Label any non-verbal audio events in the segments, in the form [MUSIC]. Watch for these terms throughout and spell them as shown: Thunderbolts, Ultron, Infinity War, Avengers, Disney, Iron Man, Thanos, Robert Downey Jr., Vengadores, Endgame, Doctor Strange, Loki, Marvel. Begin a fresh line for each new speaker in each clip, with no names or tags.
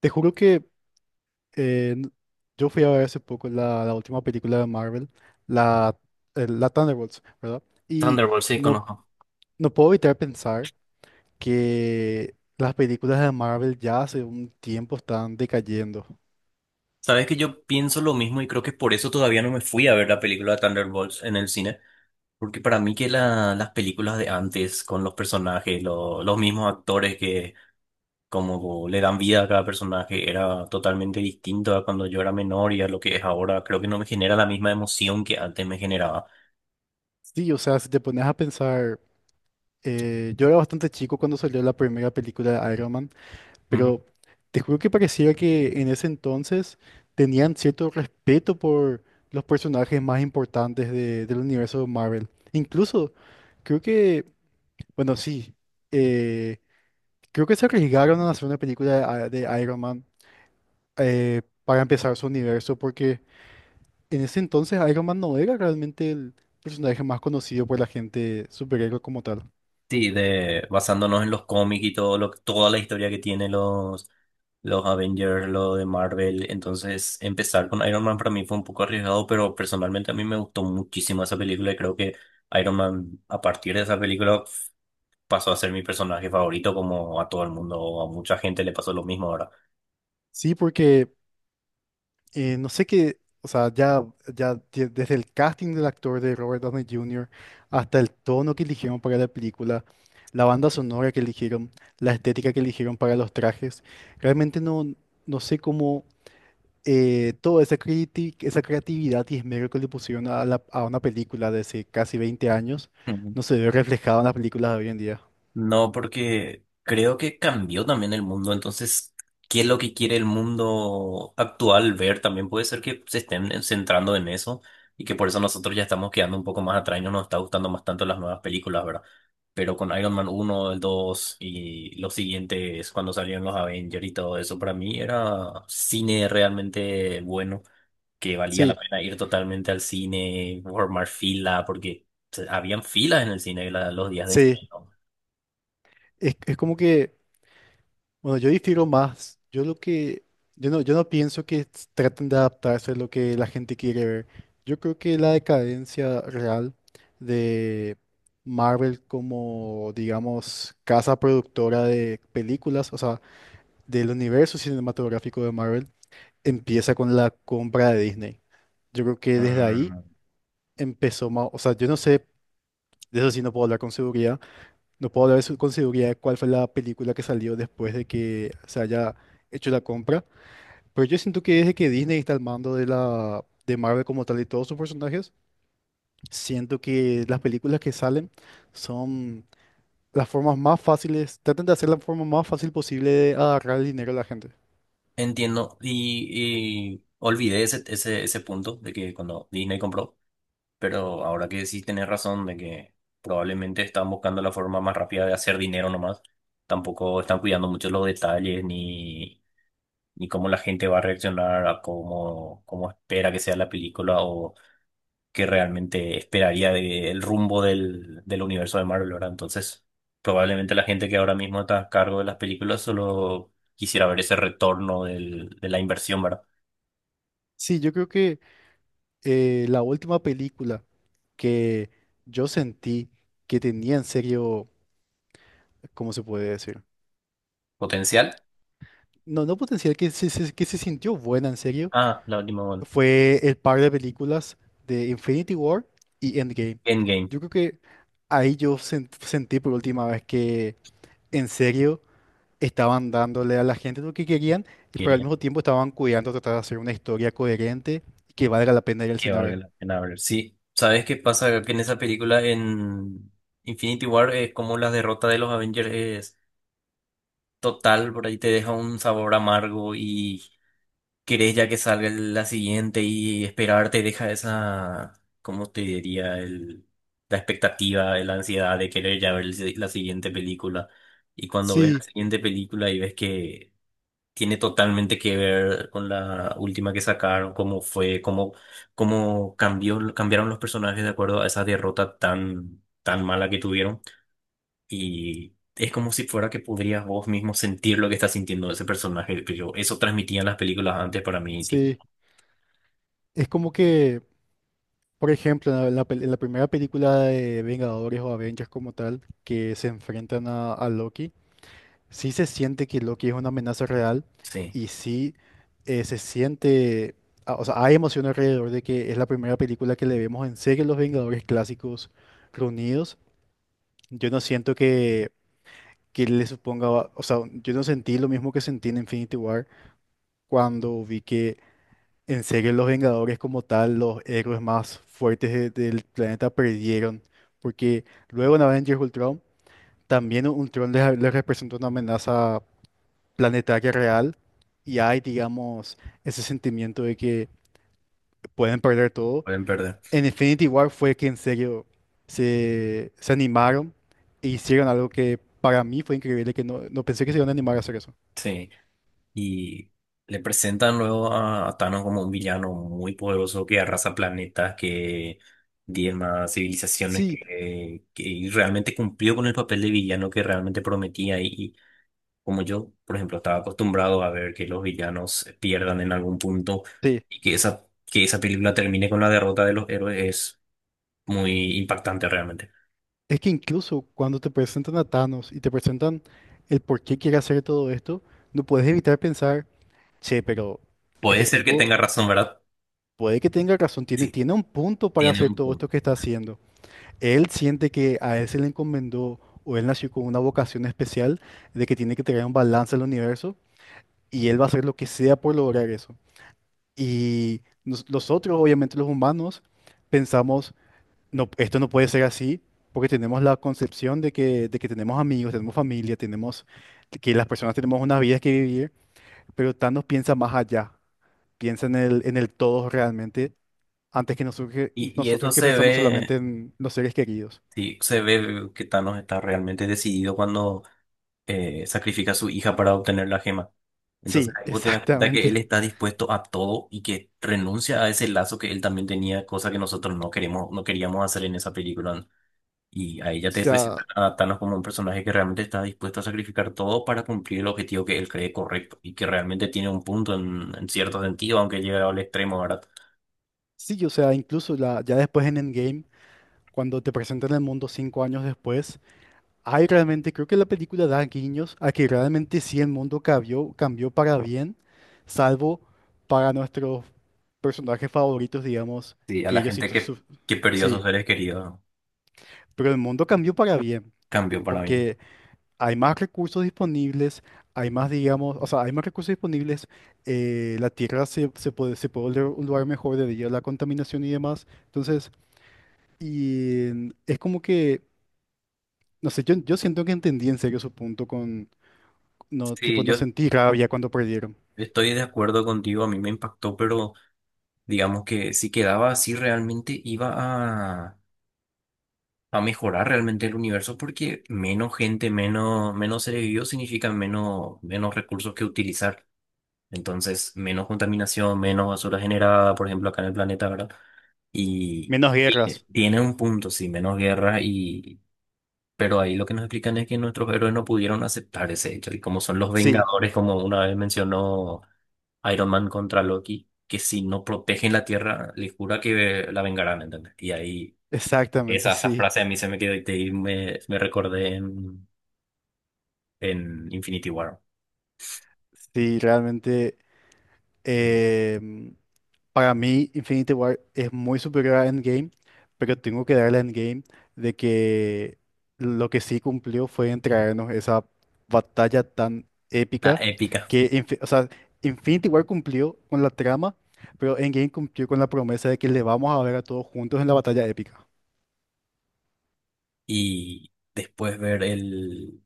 Te juro que eh, n- yo fui a ver hace poco la última película de Marvel, la, la Thunderbolts, ¿verdad? Y
Thunderbolts sí,
no,
conozco.
no puedo evitar pensar que las películas de Marvel ya hace un tiempo están decayendo.
Sabes que yo pienso lo mismo y creo que por eso todavía no me fui a ver la película de Thunderbolts en el cine. Porque para mí que las películas de antes, con los personajes, los mismos actores que como le dan vida a cada personaje, era totalmente distinto a cuando yo era menor y a lo que es ahora. Creo que no me genera la misma emoción que antes me generaba.
Sí, o sea, si te pones a pensar, yo era bastante chico cuando salió la primera película de Iron Man. Pero te juro que pareciera que en ese entonces tenían cierto respeto por los personajes más importantes del universo de Marvel. Incluso, creo que, bueno, sí, eh, creo que se arriesgaron a hacer una película de Iron Man, para empezar su universo, porque en ese entonces Iron Man no era realmente el personaje más conocido por la gente superhéroe como tal.
Sí, de, basándonos en los cómics y todo lo, toda la historia que tiene los Avengers, lo de Marvel. Entonces, empezar con Iron Man para mí fue un poco arriesgado, pero personalmente a mí me gustó muchísimo esa película y creo que Iron Man, a partir de esa película, pasó a ser mi personaje favorito, como a todo el mundo, a mucha gente le pasó lo mismo ahora.
Sí, porque no sé qué, o sea, ya desde el casting del actor de Robert Downey Jr. hasta el tono que eligieron para la película, la banda sonora que eligieron, la estética que eligieron para los trajes, realmente no sé cómo toda esa, esa creatividad y esmero que le pusieron a, a una película de hace casi 20 años no se ve reflejado en las películas de hoy en día.
No, porque creo que cambió también el mundo. Entonces, ¿qué es lo que quiere el mundo actual ver? También puede ser que se estén centrando en eso y que por eso nosotros ya estamos quedando un poco más atrás y no nos está gustando más tanto las nuevas películas, ¿verdad? Pero con Iron Man uno, el 2 y los siguientes, cuando salieron los Avengers y todo eso, para mí era cine realmente bueno, que valía la
Sí,
pena ir totalmente al cine, formar fila, porque o sea, habían filas en el cine los días de
sí.
estreno.
Es como que. Bueno, yo difiero más. Yo no, yo no pienso que traten de adaptarse a lo que la gente quiere ver. Yo creo que la decadencia real de Marvel como, digamos, casa productora de películas, o sea, del universo cinematográfico de Marvel, empieza con la compra de Disney. Yo creo que desde ahí
Mm,
empezó más, o sea, yo no sé, de eso sí no puedo hablar con seguridad, no puedo hablar con seguridad de cuál fue la película que salió después de que se haya hecho la compra, pero yo siento que desde que Disney está al mando de la de Marvel como tal y todos sus personajes, siento que las películas que salen son las formas más fáciles, tratan de hacer la forma más fácil posible de agarrar el dinero a la gente.
Entiendo. Y olvidé ese, ese, ese punto de que cuando Disney compró, pero ahora que sí tenés razón de que probablemente están buscando la forma más rápida de hacer dinero nomás. Tampoco están cuidando mucho los detalles ni, ni cómo la gente va a reaccionar a cómo, cómo espera que sea la película o que realmente esperaría del rumbo del universo de Marvel, ¿verdad? Entonces, probablemente la gente que ahora mismo está a cargo de las películas solo quisiera ver ese retorno de la inversión, ¿verdad?
Sí, yo creo que la última película que yo sentí que tenía en serio, ¿cómo se puede decir?
Potencial.
No, no potencial, que que se sintió buena en serio,
Ah, la última, bueno.
fue el par de películas de Infinity War y Endgame.
Endgame,
Yo creo que ahí yo sentí por última vez que en serio estaban dándole a la gente lo que querían, y pero al
quería
mismo tiempo estaban cuidando tratar de hacer una historia coherente y que valga la pena ir al
que
cine a
valga
ver.
la pena ver. Sí, ¿sabes qué pasa? Que en esa película, en Infinity War, es como la derrota de los Avengers es total, por ahí te deja un sabor amargo y querés ya que salga la siguiente y esperar te deja esa, ¿cómo te diría? El, la expectativa, la ansiedad de querer ya ver la siguiente película. Y cuando ves la
Sí,
siguiente película y ves que tiene totalmente que ver con la última que sacaron, cómo fue, cómo, cómo cambió, cambiaron los personajes de acuerdo a esa derrota tan, tan mala que tuvieron. Y es como si fuera que podrías vos mismo sentir lo que está sintiendo ese personaje. Que yo, eso transmitían las películas antes para mí.
sí. Es como que, por ejemplo, en la en la primera película de Vengadores o Avengers como tal, que se enfrentan a Loki. Sí se siente que Loki es una amenaza real,
Sí,
y sí, se siente, ah, o sea, hay emoción alrededor de que es la primera película que le vemos en serie a los Vengadores clásicos reunidos. Yo no siento que le suponga, o sea, yo no sentí lo mismo que sentí en Infinity War cuando vi que en serie los Vengadores como tal, los héroes más fuertes del planeta perdieron, porque luego en Avengers Ultron también Ultron les representó una amenaza planetaria real, y hay, digamos, ese sentimiento de que pueden perder todo.
pueden perder.
En Infinity War fue que en serio se animaron e hicieron algo que para mí fue increíble, que no, no pensé que se iban a animar a hacer eso.
Sí. Y le presentan luego a Thanos como un villano muy poderoso que arrasa planetas, que diezma civilizaciones,
Sí,
que y realmente cumplió con el papel de villano que realmente prometía. Y como yo, por ejemplo, estaba acostumbrado a ver que los villanos pierdan en algún punto
sí.
y que esa película termine con la derrota de los héroes es muy impactante realmente.
Es que incluso cuando te presentan a Thanos y te presentan el por qué quiere hacer todo esto, no puedes evitar pensar, che, pero
Puede
este
ser que
tipo
tenga razón, ¿verdad?
puede que tenga razón,
Sí,
tiene un punto para
tiene
hacer
un
todo
punto.
esto que está haciendo. Él siente que a él se le encomendó o él nació con una vocación especial de que tiene que traer un balance al universo y él va a hacer lo que sea por lograr eso. Y nosotros, obviamente los humanos, pensamos, no, esto no puede ser así porque tenemos la concepción de de que tenemos amigos, tenemos familia, tenemos que las personas tenemos unas vidas que vivir, pero Thanos piensa más allá, piensa en en el todo realmente antes que nosotros,
Y eso
nosotros que
se
pensamos
ve.
solamente en los seres queridos.
Sí, se ve que Thanos está realmente decidido cuando sacrifica a su hija para obtener la gema. Entonces
Sí,
ahí vos
[LAUGHS]
te das cuenta que él
exactamente.
está dispuesto a todo y que renuncia a ese lazo que él también tenía, cosa que nosotros no queremos, no queríamos hacer en esa película. Y ahí
O
ya te presentan
sea,
a Thanos como un personaje que realmente está dispuesto a sacrificar todo para cumplir el objetivo que él cree correcto y que realmente tiene un punto en cierto sentido, aunque llega al extremo, ¿verdad?
sí, o sea, incluso la, ya después en Endgame, cuando te presentan el mundo 5 años después, hay realmente, creo que la película da guiños a que realmente sí el mundo cambió, cambió para bien, salvo para nuestros personajes favoritos, digamos,
Sí, a
que
la
ellos sí,
gente que perdió a sus
sí,
seres queridos,
pero el mundo cambió para bien,
cambió para bien.
porque hay más recursos disponibles, hay más, digamos, o sea, hay más recursos disponibles, la tierra se puede volver un lugar mejor debido a la contaminación y demás, entonces... Y es como que, no sé, yo siento que entendí en serio su punto con, no, tipo,
Sí,
no
yo
sentí rabia cuando perdieron.
Estoy de acuerdo contigo, a mí me impactó, pero digamos que si quedaba así realmente iba a mejorar realmente el universo porque menos gente, menos, menos seres vivos significa menos, menos recursos que utilizar. Entonces, menos contaminación, menos basura generada, por ejemplo, acá en el planeta, ¿verdad? Y
Menos guerras.
tiene un punto, sí, menos guerra y... Pero ahí lo que nos explican es que nuestros héroes no pudieron aceptar ese hecho y como son los
Sí,
Vengadores, como una vez mencionó... Iron Man contra Loki, que si no protegen la Tierra, les jura que la vengarán, ¿entendés? Y ahí
exactamente,
esa, esa
sí.
frase a mí se me quedó y y me recordé en Infinity War,
Sí, realmente. em, Para mí, Infinity War es muy superior a Endgame, pero tengo que darle a Endgame de que lo que sí cumplió fue entregarnos esa batalla tan
la
épica
épica.
o sea, Infinity War cumplió con la trama, pero Endgame cumplió con la promesa de que le vamos a ver a todos juntos en la batalla épica. [LAUGHS]
Y después ver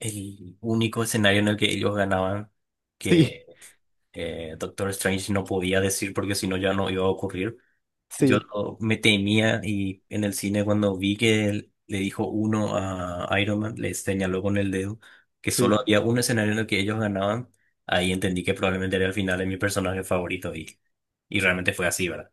el único escenario en el que ellos ganaban,
Sí,
que Doctor Strange no podía decir porque si no ya no iba a ocurrir.
sí,
Me temía y en el cine cuando vi que él le dijo uno a Iron Man, le señaló con el dedo que
sí.
solo había un escenario en el que ellos ganaban, ahí entendí que probablemente era el final de mi personaje favorito y realmente fue así, ¿verdad?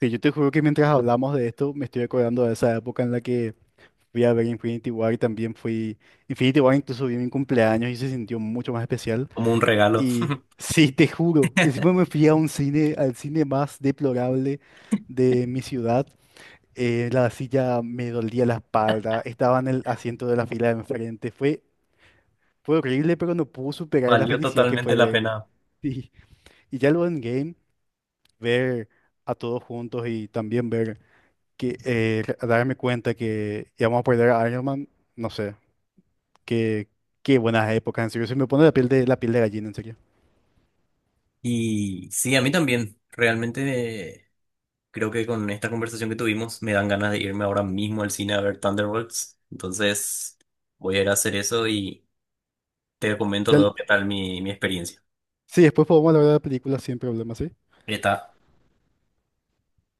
Sí, yo te juro que mientras hablamos de esto, me estoy acordando de esa época en la que fui a ver Infinity War y también fui... Infinity War incluso vi en mi cumpleaños y se sintió mucho más especial.
Como un regalo,
Y
[LAUGHS]
[LAUGHS] sí, te juro, encima me fui a un cine, al cine más deplorable de mi ciudad. La silla me dolía la espalda, estaba en el asiento de la fila de enfrente. Fue horrible, pero no pude superar la
valió
felicidad que
totalmente
fue
la
ver. [LAUGHS]
pena.
Sí. Y ya luego en game, ver a todos juntos y también ver que darme cuenta que íbamos a perder a Iron Man, no sé, qué, qué buenas épocas, en serio. Se me pone la piel de gallina, en serio.
Y sí, a mí también, realmente creo que con esta conversación que tuvimos me dan ganas de irme ahora mismo al cine a ver Thunderbolts, entonces voy a ir a hacer eso y te comento
Ya-
luego qué tal mi, mi experiencia.
sí, después podemos hablar de la película sin problema, ¿sí?
Eta